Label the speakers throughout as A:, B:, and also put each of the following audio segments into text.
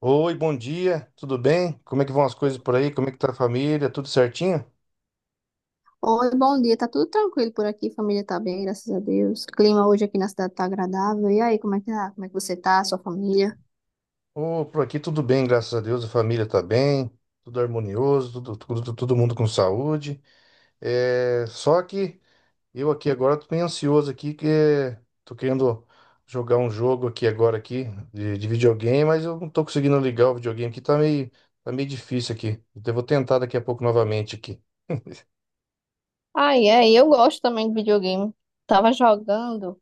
A: Oi, bom dia, tudo bem? Como é que vão as coisas por aí? Como é que tá a família? Tudo certinho?
B: Oi, bom dia. Tá tudo tranquilo por aqui, família tá bem, graças a Deus. Clima hoje aqui na cidade tá agradável. E aí, como é que tá? Como é que você tá, sua família?
A: Ô, por aqui tudo bem, graças a Deus, a família tá bem, tudo harmonioso, todo mundo com saúde. É, só que eu aqui agora tô meio ansioso aqui, tô querendo jogar um jogo aqui agora aqui de videogame, mas eu não tô conseguindo ligar o videogame aqui, tá meio difícil aqui. Então eu vou tentar daqui a pouco novamente aqui.
B: Ah, é, e eu gosto também de videogame. Tava jogando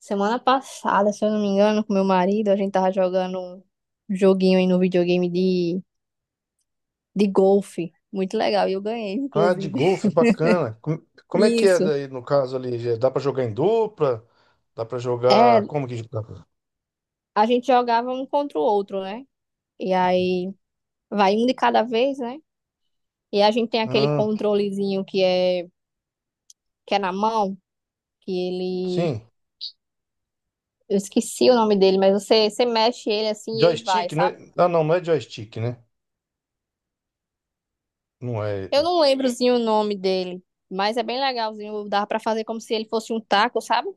B: semana passada, se eu não me engano, com meu marido, a gente tava jogando um joguinho aí no videogame de golfe. Muito legal, e eu ganhei,
A: Ah, de
B: inclusive.
A: golfe, bacana. Como é que é
B: Isso.
A: daí no caso ali? Já dá pra jogar em dupla? Dá pra jogar.
B: É,
A: Como que dá pra...
B: a gente jogava um contra o outro, né? E aí vai um de cada vez, né? E a gente tem aquele
A: Ah,
B: controlezinho que é na mão. Que ele.
A: sim.
B: Eu esqueci o nome dele, mas você mexe ele assim e ele vai,
A: Joystick, não é?
B: sabe?
A: Ah, não, não é joystick, né? Não é,
B: Eu
A: né?
B: não lembrozinho o nome dele, mas é bem legalzinho. Dá pra fazer como se ele fosse um taco, sabe?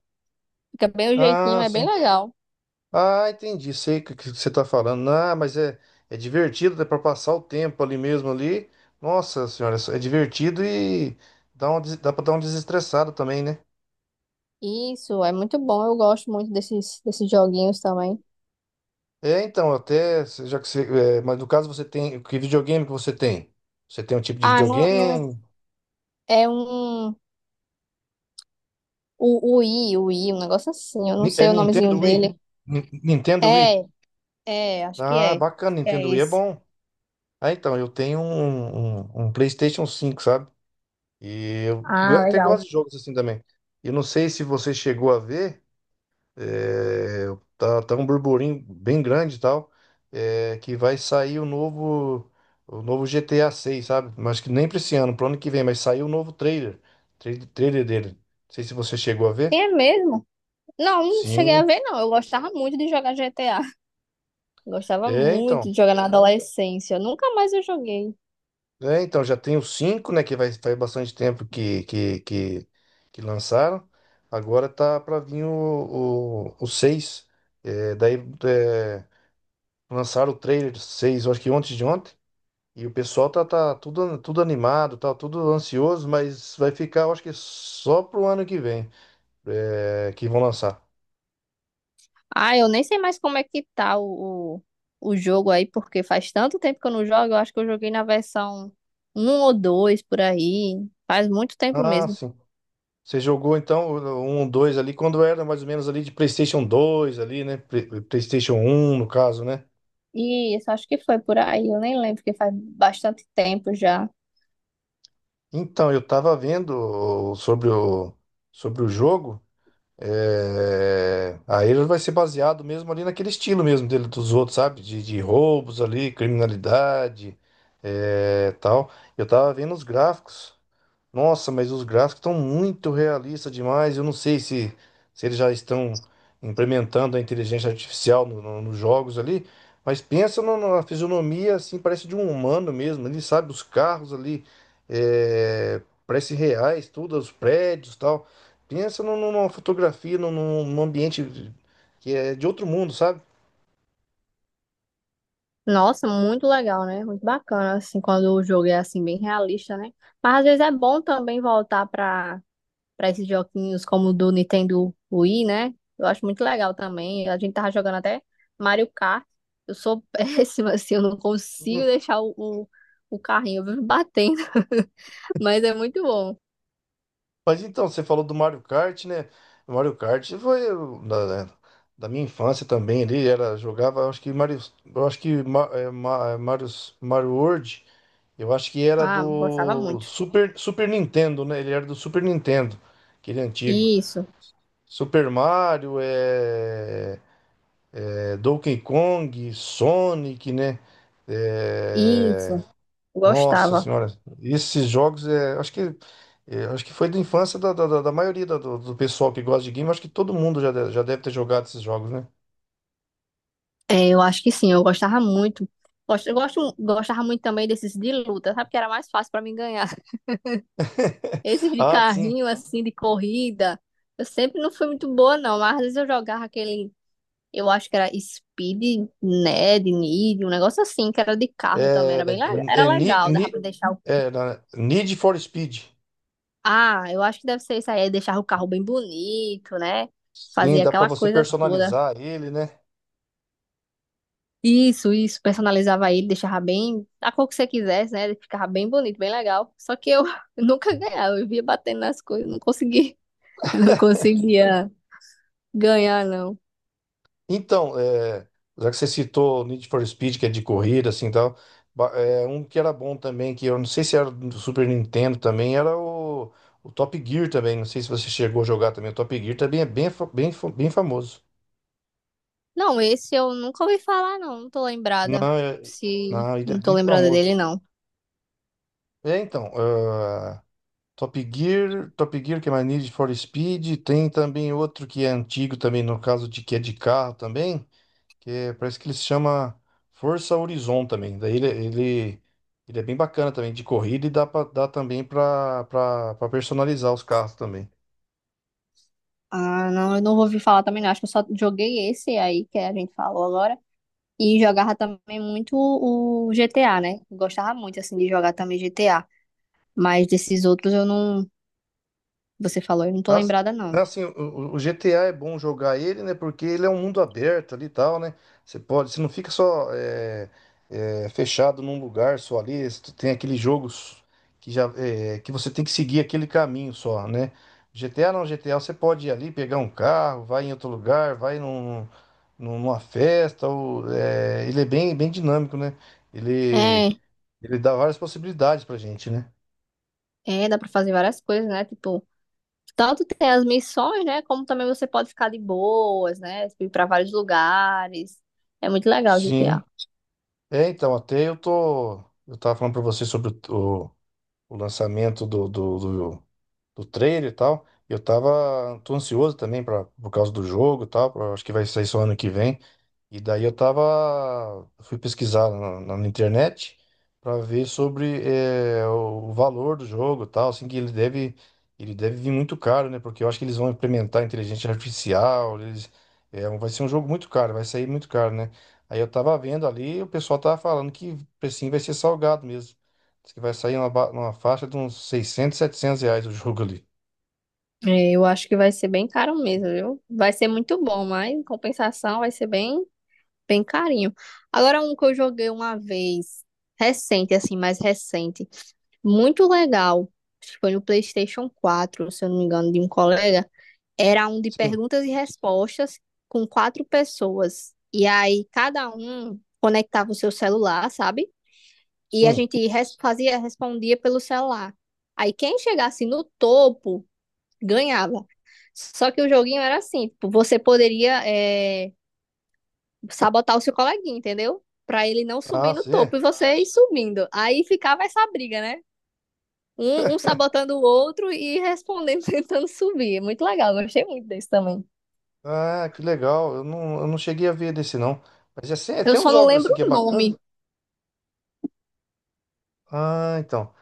B: Fica bem o jeitinho,
A: Ah,
B: é bem
A: sim.
B: legal.
A: Ah, entendi. Sei o que que você tá falando. Ah, mas é divertido, é pra passar o tempo ali mesmo ali. Nossa senhora, é divertido e dá pra dar uma desestressada também, né?
B: Isso, é muito bom. Eu gosto muito desses joguinhos também.
A: É, então, até, já que você, mas no caso você tem, que videogame que você tem? Você tem um tipo de
B: Ah, não, não,
A: videogame?
B: é um. O I, um negócio assim. Eu não
A: É
B: sei o nomezinho
A: Nintendo Wii?
B: dele.
A: Nintendo Wii?
B: É, é, acho que
A: Ah,
B: é.
A: bacana, Nintendo
B: É
A: Wii é
B: esse.
A: bom. Ah, então, eu tenho um PlayStation cinco, sabe? E eu
B: Ah,
A: até
B: legal.
A: gosto de jogos assim também. Eu não sei se você chegou a ver. É, tá, tá um burburinho bem grande e tal, é, que vai sair o novo GTA 6, sabe? Mas que nem pra esse ano, pro ano que vem, mas saiu o novo trailer, trailer dele. Não sei se você chegou a ver.
B: É mesmo? Não, não cheguei a
A: Sim,
B: ver, não. Eu gostava muito de jogar GTA. Gostava
A: é
B: muito
A: então.
B: de jogar na adolescência. Nunca mais eu joguei.
A: É, então, já tem o cinco, né, que vai, faz bastante tempo que lançaram. Agora tá pra vir o seis. É, daí é, lançaram o trailer seis, eu acho que ontem de ontem. E o pessoal tá, tá tudo animado, tá tudo ansioso, mas vai ficar, eu acho que só pro ano que vem, é, que vão lançar.
B: Ah, eu nem sei mais como é que tá o jogo aí, porque faz tanto tempo que eu não jogo. Eu acho que eu joguei na versão um ou 2 por aí. Faz muito tempo
A: Ah,
B: mesmo.
A: sim. Você jogou então um, dois ali quando era mais ou menos ali de PlayStation 2 ali, né? PlayStation 1 no caso, né?
B: Isso, acho que foi por aí. Eu nem lembro, porque faz bastante tempo já.
A: Então, eu tava vendo sobre o jogo. É, aí ele vai ser baseado mesmo ali naquele estilo mesmo dele dos outros, sabe? De roubos ali, criminalidade, é, tal. Eu tava vendo os gráficos. Nossa, mas os gráficos estão muito realistas demais. Eu não sei se eles já estão implementando a inteligência artificial nos jogos ali, mas pensa na fisionomia, assim, parece de um humano mesmo. Ele sabe, os carros ali, é, parece reais, tudo, os prédios e tal. Pensa numa fotografia, num ambiente que é de outro mundo, sabe?
B: Nossa, muito legal, né? Muito bacana, assim, quando o jogo é assim, bem realista, né? Mas às vezes é bom também voltar pra para esses joguinhos como o do Nintendo Wii, né? Eu acho muito legal também. A gente tava jogando até Mario Kart. Eu sou péssima, assim, eu não consigo deixar o carrinho, eu vivo batendo. Mas é muito bom.
A: Mas então, você falou do Mario Kart, né? O Mario Kart foi eu, da minha infância também ali, era, jogava, acho que Mario, eu acho que Mario, Mario World, eu acho que era
B: Ah, gostava
A: do
B: muito.
A: Super Nintendo, né? Ele era do Super Nintendo, aquele antigo.
B: Isso,
A: Super Mario, Donkey Kong, Sonic, né? É,
B: isso,
A: nossa
B: gostava.
A: senhora, esses jogos é, acho que foi da infância da maioria do, do pessoal que gosta de game, acho que todo mundo já, já deve ter jogado esses jogos, né?
B: É, eu acho que sim, eu gostava muito. Gostava muito também desses de luta, sabe? Que era mais fácil pra mim ganhar. Esses de
A: Ah, sim.
B: carrinho, assim, de corrida. Eu sempre não fui muito boa, não. Mas às vezes eu jogava aquele. Eu acho que era Need, um negócio assim, que era de carro também,
A: É,
B: era
A: é
B: legal, dava pra
A: Need,
B: deixar o.
A: é, Need for Speed.
B: Ah, eu acho que deve ser isso aí, é deixar o carro bem bonito, né?
A: Sim,
B: Fazia
A: dá pra
B: aquela
A: você
B: coisa toda.
A: personalizar ele, né?
B: Isso, personalizava ele, deixava bem, a cor que você quisesse, né? Ele ficava bem bonito, bem legal. Só que eu nunca ganhava, eu via batendo nas coisas, não conseguia, não conseguia ganhar, não.
A: Então, é, já que você citou o Need for Speed, que é de corrida, assim, tal, um que era bom também, que eu não sei se era do Super Nintendo também, era o Top Gear também, não sei se você chegou a jogar também, o Top Gear também é bem, bem famoso.
B: Não, esse eu nunca ouvi falar, não, não tô lembrada.
A: Não, é-
B: Se
A: não, ele é
B: não tô
A: bem
B: lembrada
A: famoso.
B: dele, não.
A: É, então, ah, Top Gear, que é mais Need for Speed, tem também outro que é antigo também, no caso de que é de carro também, que é- parece que ele se chama Forza Horizon também. Daí ele é bem bacana também de corrida e dá, pra, dá também para personalizar os carros também.
B: Ah, não, eu não vou ouvir falar também, não. Acho que eu só joguei esse aí que a gente falou agora. E jogava também muito o GTA, né? Eu gostava muito, assim, de jogar também GTA. Mas desses outros eu não. Você falou, eu não tô
A: Nossa,
B: lembrada, não.
A: né, assim, o GTA é bom jogar ele, né? Porque ele é um mundo aberto ali e tal, né? Você pode, você não fica só fechado num lugar só ali. Você tem aqueles jogos que já é, que você tem que seguir aquele caminho só, né? GTA não, GTA você pode ir ali, pegar um carro, vai em outro lugar, vai numa festa. Ou, é, ele é bem dinâmico, né? Ele,
B: É,
A: ele dá várias possibilidades pra gente, né?
B: é, dá pra fazer várias coisas, né? Tipo, tanto tem as missões, né? Como também você pode ficar de boas, né? Tipo, ir pra vários lugares. É muito legal o
A: Sim.
B: GTA.
A: É, então, até eu tô. Eu tava falando pra você sobre o lançamento do trailer e tal. Eu tava. Tô ansioso também pra, por causa do jogo e tal. Pra- acho que vai sair só ano que vem. E daí eu tava, fui pesquisar na internet para ver sobre o valor do jogo, e tal, assim que ele deve vir muito caro, né? Porque eu acho que eles vão implementar inteligência artificial, eles, é, vai ser um jogo muito caro, vai sair muito caro, né? Aí eu tava vendo ali, o pessoal tava falando que o precinho vai ser salgado mesmo. Diz que vai sair uma, uma faixa de uns 600 700 reais o jogo ali.
B: É, eu acho que vai ser bem caro mesmo, viu? Vai ser muito bom, mas em compensação vai ser bem bem carinho. Agora, um que eu joguei uma vez, recente, assim, mais recente, muito legal, acho que foi no PlayStation 4 se eu não me engano, de um colega, era um de
A: Sim,
B: perguntas e respostas com quatro pessoas. E aí, cada um conectava o seu celular, sabe? E a
A: sim.
B: gente respondia pelo celular. Aí, quem chegasse no topo, ganhava. Só que o joguinho era assim, tipo, você poderia, sabotar o seu coleguinha, entendeu? Pra ele não subir
A: Ah,
B: no
A: sim.
B: topo e você ir subindo. Aí ficava essa briga, né? Um sabotando o outro e respondendo, tentando subir. É muito legal, gostei muito desse também.
A: Ah, que legal. Eu não cheguei a ver desse, não. Mas é, assim, é,
B: Eu
A: tem uns
B: só não
A: jogos
B: lembro
A: assim que é
B: o
A: bacana.
B: nome.
A: Ah, então.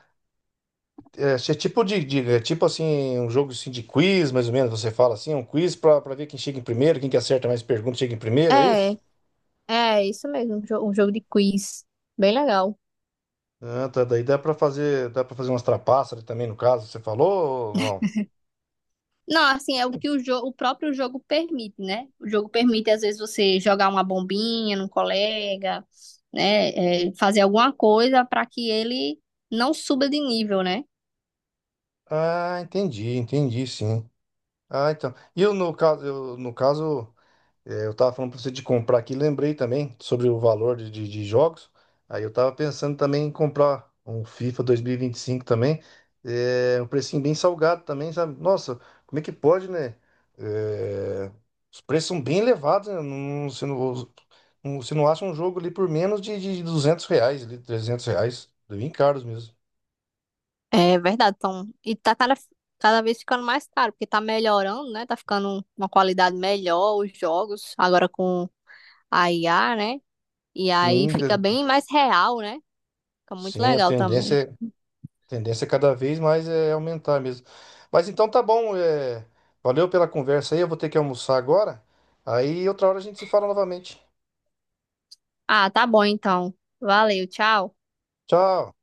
A: É, se é tipo é tipo assim, um jogo assim de quiz, mais ou menos, você fala assim, um quiz pra ver quem chega em primeiro, quem que acerta mais perguntas chega em primeiro, é isso?
B: É, é isso mesmo, um jogo de quiz. Bem legal.
A: Ah, tá. Daí dá pra fazer umas trapaças também, no caso, você falou ou não?
B: Não, assim, é o que o próprio jogo permite, né? O jogo permite, às vezes, você jogar uma bombinha num colega, né? É, fazer alguma coisa para que ele não suba de nível, né?
A: Ah, entendi, entendi, sim. Ah, então. Eu, no caso. É, eu tava falando pra você de comprar aqui, lembrei também sobre o valor de jogos. Aí eu tava pensando também em comprar um FIFA 2025 também. É, um precinho bem salgado também, sabe? Nossa, como é que pode, né? É, os preços são bem elevados, né? Você não acha um jogo ali por menos de 200 reais, ali, 300 reais. Bem caros mesmo.
B: É verdade, então. E tá cada vez ficando mais caro, porque tá melhorando, né? Tá ficando uma qualidade melhor os jogos, agora com a IA, né? E aí
A: Sim,
B: fica
A: cara.
B: bem mais real, né? Fica muito
A: Sim, a
B: legal também.
A: tendência é. Tendência é cada vez mais é aumentar mesmo. Mas então tá bom, é, valeu pela conversa aí. Eu vou ter que almoçar agora. Aí outra hora a gente se fala novamente.
B: Ah, tá bom então. Valeu, tchau.
A: Tchau.